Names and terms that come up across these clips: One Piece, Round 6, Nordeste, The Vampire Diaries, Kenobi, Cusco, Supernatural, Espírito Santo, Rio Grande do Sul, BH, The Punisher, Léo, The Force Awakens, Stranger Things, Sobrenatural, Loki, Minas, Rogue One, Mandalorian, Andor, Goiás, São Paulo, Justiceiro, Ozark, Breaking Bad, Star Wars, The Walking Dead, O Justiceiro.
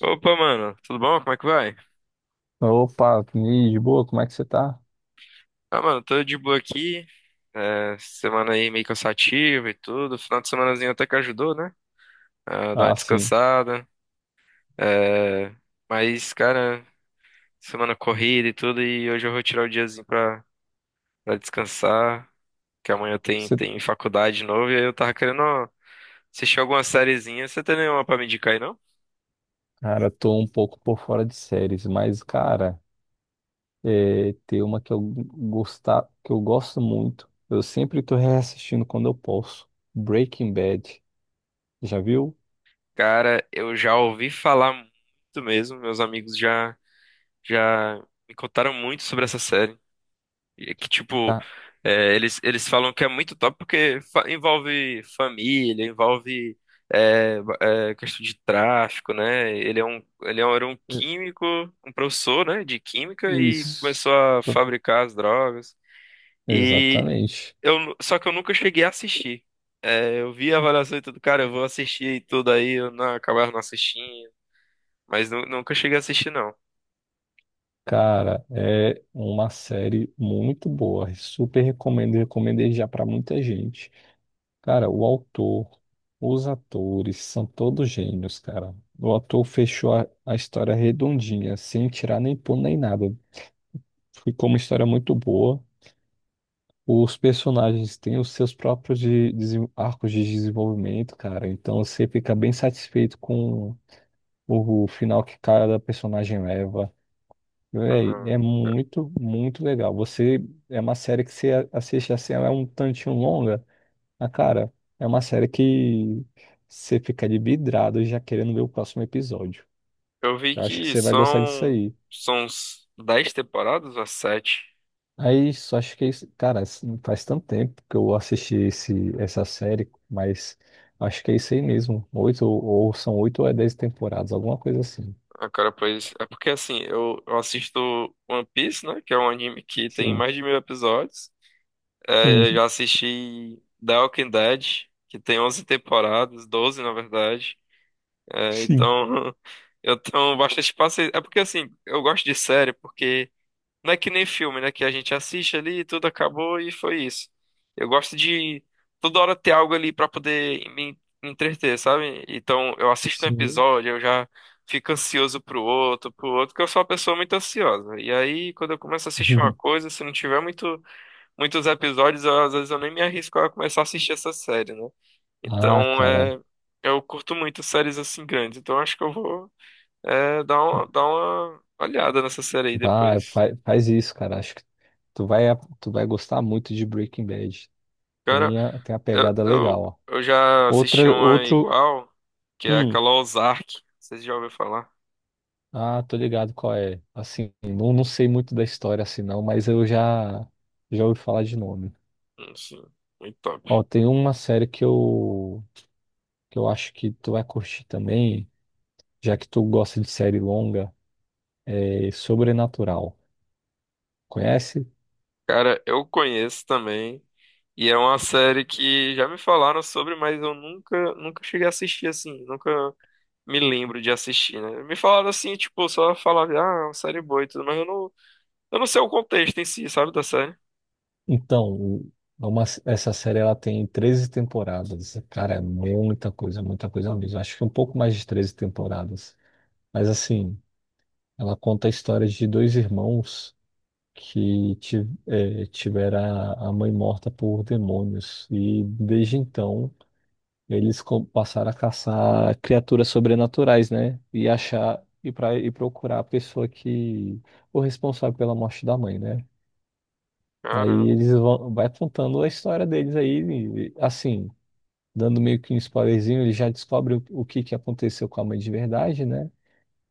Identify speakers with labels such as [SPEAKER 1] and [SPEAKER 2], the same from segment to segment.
[SPEAKER 1] Opa, mano, tudo bom? Como é que vai?
[SPEAKER 2] Opa, e de boa, como é que você tá?
[SPEAKER 1] Ah, mano, tô de boa aqui. É, semana aí meio cansativa e tudo. Final de semanazinho até que ajudou, né? A dar uma
[SPEAKER 2] Ah, sim.
[SPEAKER 1] descansada. É, mas, cara, semana corrida e tudo. E hoje eu vou tirar o diazinho pra descansar. Que amanhã tem,
[SPEAKER 2] Você,
[SPEAKER 1] tem faculdade de novo. E aí eu tava querendo assistir alguma sériezinha. Você tem nenhuma pra me indicar aí, não?
[SPEAKER 2] cara, tô um pouco por fora de séries, mas, cara, é, tem uma que eu gosto muito. Eu sempre tô reassistindo quando eu posso. Breaking Bad. Já viu?
[SPEAKER 1] Cara, eu já ouvi falar muito mesmo. Meus amigos já me contaram muito sobre essa série. E que, tipo,
[SPEAKER 2] Ah,
[SPEAKER 1] eles falam que é muito top porque envolve família, envolve questão de tráfico, né? Era um
[SPEAKER 2] é,
[SPEAKER 1] químico, um professor, né, de química, e
[SPEAKER 2] isso.
[SPEAKER 1] começou a
[SPEAKER 2] Pro-
[SPEAKER 1] fabricar as drogas. E
[SPEAKER 2] Exatamente.
[SPEAKER 1] Só que eu nunca cheguei a assistir. É, eu vi a avaliação e tudo, cara, eu vou assistir e tudo aí, eu não, acabava não assistindo, mas nunca cheguei a assistir, não.
[SPEAKER 2] Cara, é uma série muito boa. Super recomendo, recomendei já pra muita gente. Cara, o autor, os atores são todos gênios, cara. O autor fechou a história redondinha, sem tirar nem pôr nem nada. Ficou uma história muito boa. Os personagens têm os seus próprios arcos de desenvolvimento, cara. Então você fica bem satisfeito com o final que cada personagem leva. Véi,
[SPEAKER 1] Uhum.
[SPEAKER 2] é muito, muito legal. Você é uma série que você assiste assim, ela é um tantinho longa. Ah, cara, é uma série que você fica de vidrado já querendo ver o próximo episódio.
[SPEAKER 1] Eu vi
[SPEAKER 2] Eu acho que
[SPEAKER 1] que
[SPEAKER 2] você vai gostar disso
[SPEAKER 1] são,
[SPEAKER 2] aí.
[SPEAKER 1] são uns 10 temporadas ou 7
[SPEAKER 2] Aí, só acho que, é isso- cara, isso faz tanto tempo que eu assisti essa série, mas acho que é isso aí mesmo. Oito, ou são oito ou é dez temporadas, alguma coisa assim.
[SPEAKER 1] Ah, cara, pois é porque assim, eu assisto One Piece, né? Que é um anime que tem
[SPEAKER 2] Sim.
[SPEAKER 1] mais de 1.000 episódios. É, eu
[SPEAKER 2] Hum,
[SPEAKER 1] já assisti The Walking Dead, que tem 11 temporadas, 12 na verdade. É,
[SPEAKER 2] sim.
[SPEAKER 1] então eu tenho bastante paciência. É porque assim, eu gosto de série porque. Não é que nem filme, né? Que a gente assiste ali, tudo acabou e foi isso. Eu gosto de toda hora ter algo ali pra poder me entreter, sabe? Então eu assisto um
[SPEAKER 2] Sim.
[SPEAKER 1] episódio, eu já fico ansioso pro outro, porque eu sou uma pessoa muito ansiosa. E aí, quando eu começo a assistir uma coisa, se não tiver muitos episódios, às vezes eu nem me arrisco a começar a assistir essa série, né?
[SPEAKER 2] Ah,
[SPEAKER 1] Então,
[SPEAKER 2] cara,
[SPEAKER 1] eu curto muito séries assim grandes. Então acho que eu vou, dar uma olhada nessa série aí depois.
[SPEAKER 2] faz isso, cara. Acho que tu vai, tu vai gostar muito de Breaking Bad.
[SPEAKER 1] Cara,
[SPEAKER 2] Tem tem a
[SPEAKER 1] Eu,
[SPEAKER 2] pegada legal,
[SPEAKER 1] eu,
[SPEAKER 2] ó.
[SPEAKER 1] eu já assisti
[SPEAKER 2] Outra,
[SPEAKER 1] uma
[SPEAKER 2] outro.
[SPEAKER 1] igual, que é
[SPEAKER 2] Hum.
[SPEAKER 1] aquela Ozark. Vocês já ouviram falar?
[SPEAKER 2] Ah, tô ligado qual é. Assim, não, não sei muito da história assim, não, mas já ouvi falar de nome.
[SPEAKER 1] Sim, muito top.
[SPEAKER 2] Ó, tem uma série que eu acho que tu vai curtir também, já que tu gosta de série longa, é Sobrenatural. Conhece?
[SPEAKER 1] Cara, eu conheço também. E é uma série que já me falaram sobre, mas eu nunca cheguei a assistir assim. Nunca me lembro de assistir, né? Me falaram assim, tipo, só falavam, ah, é uma série boa e tudo, mas eu não sei o contexto em si, sabe, da série.
[SPEAKER 2] Então, o- é uma, essa série ela tem 13 temporadas. Cara, é muita coisa mesmo. Acho que um pouco mais de 13 temporadas. Mas assim, ela conta a história de dois irmãos. Tivera a mãe morta por demônios. E desde então, passaram a caçar criaturas sobrenaturais, né? E achar e para e procurar a pessoa que o responsável pela morte da mãe, né? Aí
[SPEAKER 1] Caramba,
[SPEAKER 2] eles vão vai contando a história deles aí, e, assim, dando meio que um spoilerzinho, eles já descobrem o que que aconteceu com a mãe de verdade, né?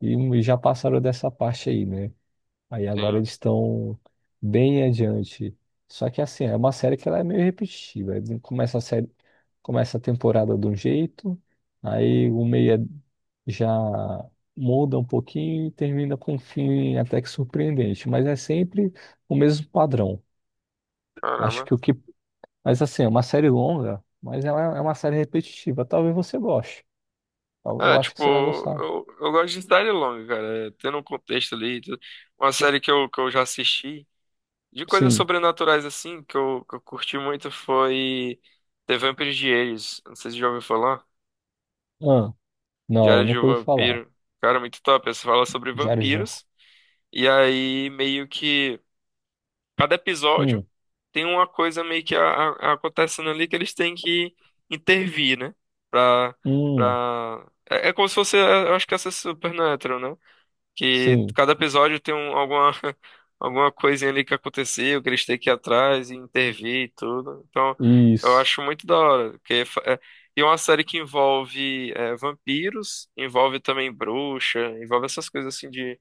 [SPEAKER 2] E já passaram dessa parte aí, né? Aí agora
[SPEAKER 1] sim.
[SPEAKER 2] eles estão bem adiante. Só que assim, é uma série que ela é meio repetitiva. Ele começa a série, começa a temporada de um jeito, aí o meia já muda um pouquinho e termina com um fim até que surpreendente. Mas é sempre o mesmo padrão. Acho
[SPEAKER 1] Caramba,
[SPEAKER 2] que o que. Mas assim, é uma série longa, mas ela é uma série repetitiva. Talvez você goste.
[SPEAKER 1] ah,
[SPEAKER 2] Eu acho que
[SPEAKER 1] tipo,
[SPEAKER 2] você vai gostar.
[SPEAKER 1] eu gosto de cidade longa, cara. Tendo um contexto ali, e tudo. Uma série que eu já assisti, de coisas
[SPEAKER 2] Sim.
[SPEAKER 1] sobrenaturais assim, que eu curti muito foi The Vampire Diaries. Não sei se você já ouviu falar.
[SPEAKER 2] Ah, não,
[SPEAKER 1] Diário de um
[SPEAKER 2] nunca ouvi falar.
[SPEAKER 1] Vampiro. Cara, muito top. Essa fala sobre
[SPEAKER 2] Diário de.
[SPEAKER 1] vampiros. E aí, meio que cada episódio
[SPEAKER 2] Hum,
[SPEAKER 1] tem uma coisa meio que acontecendo ali que eles têm que intervir, né? Pra,
[SPEAKER 2] hum,
[SPEAKER 1] é, como se fosse, eu acho que essa é Supernatural, né? Que
[SPEAKER 2] sim.
[SPEAKER 1] cada episódio tem alguma, alguma coisinha ali que aconteceu, que eles têm que ir atrás e intervir e tudo. Então, eu
[SPEAKER 2] Isso,
[SPEAKER 1] acho muito da hora. Porque, e é uma série que envolve vampiros, envolve também bruxa, envolve essas coisas assim de,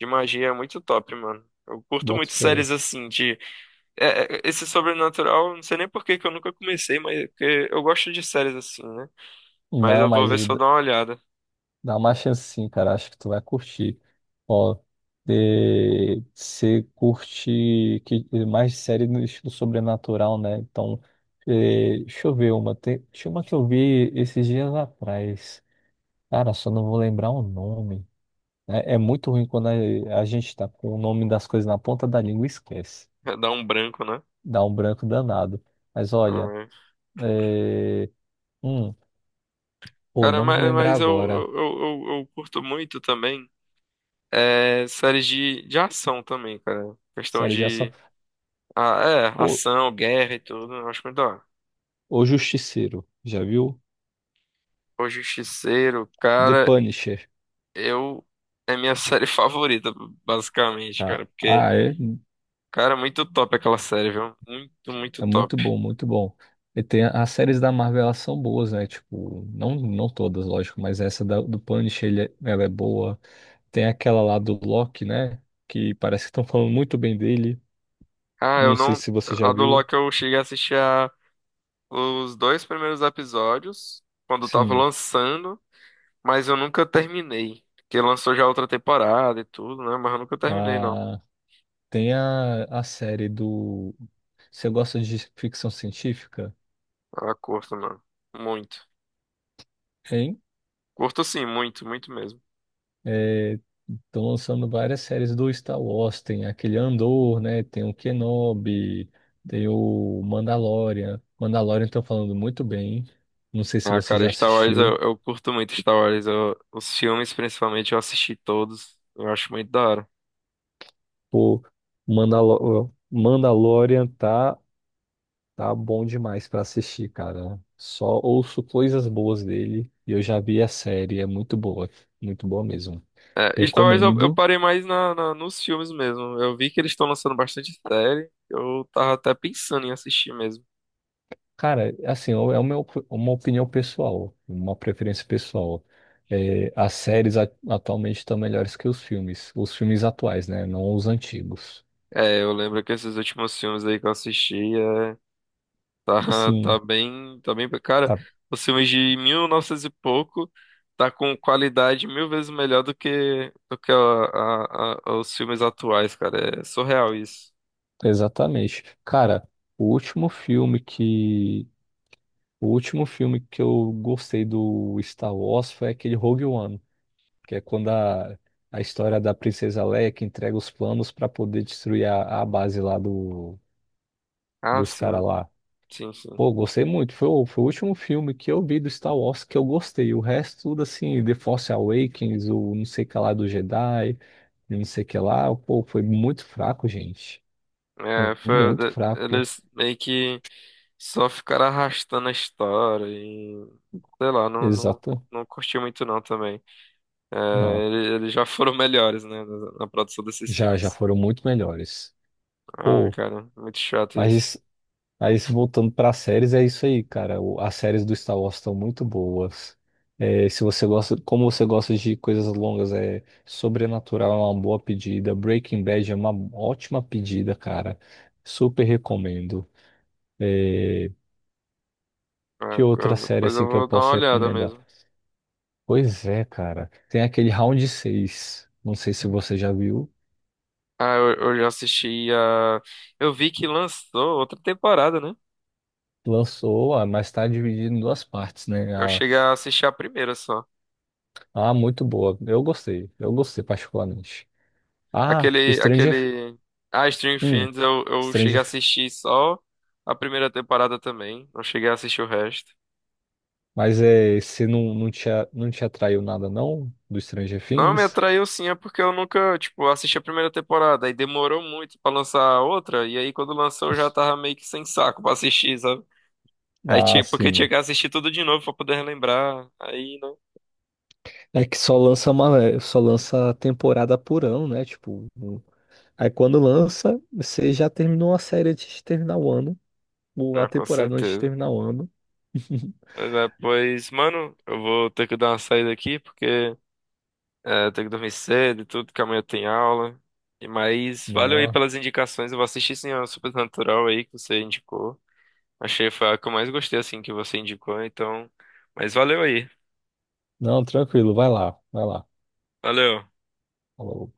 [SPEAKER 1] de magia, é muito top, mano. Eu curto
[SPEAKER 2] boto
[SPEAKER 1] muito
[SPEAKER 2] fé.
[SPEAKER 1] séries assim de esse sobrenatural, não sei nem por que que eu nunca comecei, mas porque eu gosto de séries assim, né? Mas
[SPEAKER 2] Não,
[SPEAKER 1] eu vou
[SPEAKER 2] mas
[SPEAKER 1] ver se eu
[SPEAKER 2] d-
[SPEAKER 1] dou uma olhada.
[SPEAKER 2] dá uma chance sim, cara. Acho que tu vai curtir. Ó, eh, mais série no estilo sobrenatural, né? Então, eh, deixa eu ver uma. Tinha uma que eu vi esses dias atrás. Cara, só não vou lembrar o nome. É, é muito ruim quando a gente tá com o nome das coisas na ponta da língua e esquece.
[SPEAKER 1] Dá um branco, né?
[SPEAKER 2] Dá um branco danado. Mas olha, eh, hum, pô,
[SPEAKER 1] Cara,
[SPEAKER 2] não vou
[SPEAKER 1] mas,
[SPEAKER 2] lembrar
[SPEAKER 1] mas eu,
[SPEAKER 2] agora.
[SPEAKER 1] eu, eu, eu eu curto muito também séries de ação também, cara. Questão
[SPEAKER 2] Série de ação.
[SPEAKER 1] de
[SPEAKER 2] Pô,
[SPEAKER 1] ação, guerra e tudo. Eu acho muito da hora.
[SPEAKER 2] O Justiceiro, já viu?
[SPEAKER 1] O Justiceiro,
[SPEAKER 2] The
[SPEAKER 1] cara,
[SPEAKER 2] Punisher.
[SPEAKER 1] eu. É minha série favorita, basicamente,
[SPEAKER 2] Ah,
[SPEAKER 1] cara. Porque,
[SPEAKER 2] ah, é,
[SPEAKER 1] cara, é muito top aquela série, viu? Muito, muito
[SPEAKER 2] é
[SPEAKER 1] top.
[SPEAKER 2] muito bom, muito bom. E tem as séries da Marvel, elas são boas, né? Tipo, não, não todas, lógico, mas do Punisher, ela é boa. Tem aquela lá do Loki, né? Que parece que estão falando muito bem dele.
[SPEAKER 1] Ah, eu
[SPEAKER 2] Não sei
[SPEAKER 1] não.
[SPEAKER 2] se você já
[SPEAKER 1] A do
[SPEAKER 2] viu.
[SPEAKER 1] Loki eu cheguei a assistir os dois primeiros episódios, quando tava
[SPEAKER 2] Sim.
[SPEAKER 1] lançando. Mas eu nunca terminei. Porque lançou já outra temporada e tudo, né? Mas eu nunca terminei, não.
[SPEAKER 2] Ah, tem a série do. Você gosta de ficção científica?
[SPEAKER 1] Ah, curto, mano. Muito.
[SPEAKER 2] Hein?
[SPEAKER 1] Curto sim, muito, muito mesmo.
[SPEAKER 2] Estão lançando várias séries do Star Wars, tem aquele Andor, né? Tem o Kenobi, tem o Mandalorian. Mandalorian estão falando muito bem. Não sei se
[SPEAKER 1] Ah,
[SPEAKER 2] você
[SPEAKER 1] cara,
[SPEAKER 2] já
[SPEAKER 1] Star Wars eu,
[SPEAKER 2] assistiu.
[SPEAKER 1] eu curto muito Star Wars. Os filmes, principalmente, eu assisti todos. Eu acho muito da hora.
[SPEAKER 2] Pô, Mandalorian tá bom demais pra assistir, cara. Só ouço coisas boas dele e eu já vi a série, é muito boa mesmo.
[SPEAKER 1] É, Star Wars eu
[SPEAKER 2] Recomendo.
[SPEAKER 1] parei mais na, nos filmes mesmo. Eu vi que eles estão lançando bastante série. Eu tava até pensando em assistir mesmo.
[SPEAKER 2] Cara, assim, é uma opinião pessoal, uma preferência pessoal. É, as séries atualmente estão melhores que os filmes atuais, né? Não os antigos.
[SPEAKER 1] É, eu lembro que esses últimos filmes aí que eu assisti. Tá,
[SPEAKER 2] Sim,
[SPEAKER 1] tá bem, cara,
[SPEAKER 2] tá,
[SPEAKER 1] os filmes de 1900 e pouco tá com qualidade mil vezes melhor do que os filmes atuais, cara. É surreal isso.
[SPEAKER 2] exatamente. Cara, o último filme que, o último filme que eu gostei do Star Wars foi aquele Rogue One, que é quando a história da Princesa Leia que entrega os planos para poder destruir a base lá do,
[SPEAKER 1] Ah,
[SPEAKER 2] dos
[SPEAKER 1] sim,
[SPEAKER 2] caras lá.
[SPEAKER 1] sim, sim.
[SPEAKER 2] Pô, eu gostei muito. Foi o último filme que eu vi do Star Wars que eu gostei. O resto, tudo assim, The Force Awakens, o não sei o que lá do Jedi, não sei o que lá, pô, foi muito fraco, gente.
[SPEAKER 1] É, foi,
[SPEAKER 2] Muito fraco.
[SPEAKER 1] eles meio que só ficaram arrastando a história e sei lá, não, não,
[SPEAKER 2] Exato.
[SPEAKER 1] não curti muito não também. É,
[SPEAKER 2] Não,
[SPEAKER 1] eles já foram melhores, né, na produção desses
[SPEAKER 2] já, já
[SPEAKER 1] filmes.
[SPEAKER 2] foram muito melhores.
[SPEAKER 1] Ah,
[SPEAKER 2] Pô,
[SPEAKER 1] cara, muito chato isso.
[SPEAKER 2] mas aí, se voltando para séries, é isso aí, cara. As séries do Star Wars estão muito boas. É, se você gosta, como você gosta de coisas longas, é Sobrenatural é uma boa pedida. Breaking Bad é uma ótima pedida, cara. Super recomendo. É, que
[SPEAKER 1] Ah,
[SPEAKER 2] outra série
[SPEAKER 1] depois eu
[SPEAKER 2] assim que eu
[SPEAKER 1] vou dar uma
[SPEAKER 2] posso
[SPEAKER 1] olhada
[SPEAKER 2] recomendar?
[SPEAKER 1] mesmo.
[SPEAKER 2] Pois é, cara. Tem aquele Round 6. Não sei se você já viu.
[SPEAKER 1] Ah, eu já assisti a. Eu vi que lançou outra temporada, né?
[SPEAKER 2] Lançou, ah, mas tá dividido em duas partes, né?
[SPEAKER 1] Eu
[SPEAKER 2] Ah,
[SPEAKER 1] cheguei a assistir a primeira só.
[SPEAKER 2] ah, muito boa. Eu gostei. Eu gostei particularmente. Ah,
[SPEAKER 1] Aquele,
[SPEAKER 2] Stranger
[SPEAKER 1] aquele. Ah, Stranger
[SPEAKER 2] hum,
[SPEAKER 1] Things, eu cheguei a
[SPEAKER 2] Stranger.
[SPEAKER 1] assistir só a primeira temporada também. Não cheguei a assistir o resto.
[SPEAKER 2] Mas é, você não, não te, a- não te atraiu nada, não? Do Stranger
[SPEAKER 1] Não, me
[SPEAKER 2] Things?
[SPEAKER 1] atraiu sim, é porque eu nunca, tipo, assisti a primeira temporada e demorou muito pra lançar a outra. E aí quando lançou eu já tava meio que sem saco pra assistir, sabe? Aí,
[SPEAKER 2] Ah,
[SPEAKER 1] tipo, porque tinha
[SPEAKER 2] sim.
[SPEAKER 1] que assistir tudo de novo pra poder relembrar. Aí.
[SPEAKER 2] É que só lança uma, eh, só lança temporada por ano, né? Aí quando lança, você já terminou a série antes de terminar o ano, ou a
[SPEAKER 1] Ah, com
[SPEAKER 2] temporada antes de
[SPEAKER 1] certeza.
[SPEAKER 2] terminar o ano.
[SPEAKER 1] Mas é, pois, mano, eu vou ter que dar uma saída aqui, porque tenho que dormir cedo e tudo, que amanhã tem aula. E mas valeu aí
[SPEAKER 2] Não,
[SPEAKER 1] pelas indicações. Eu vou assistir sim a Supernatural aí que você indicou. Achei foi a que eu mais gostei assim que você indicou, então. Mas valeu aí.
[SPEAKER 2] não, tranquilo, vai lá, vai lá.
[SPEAKER 1] Valeu.
[SPEAKER 2] Falou.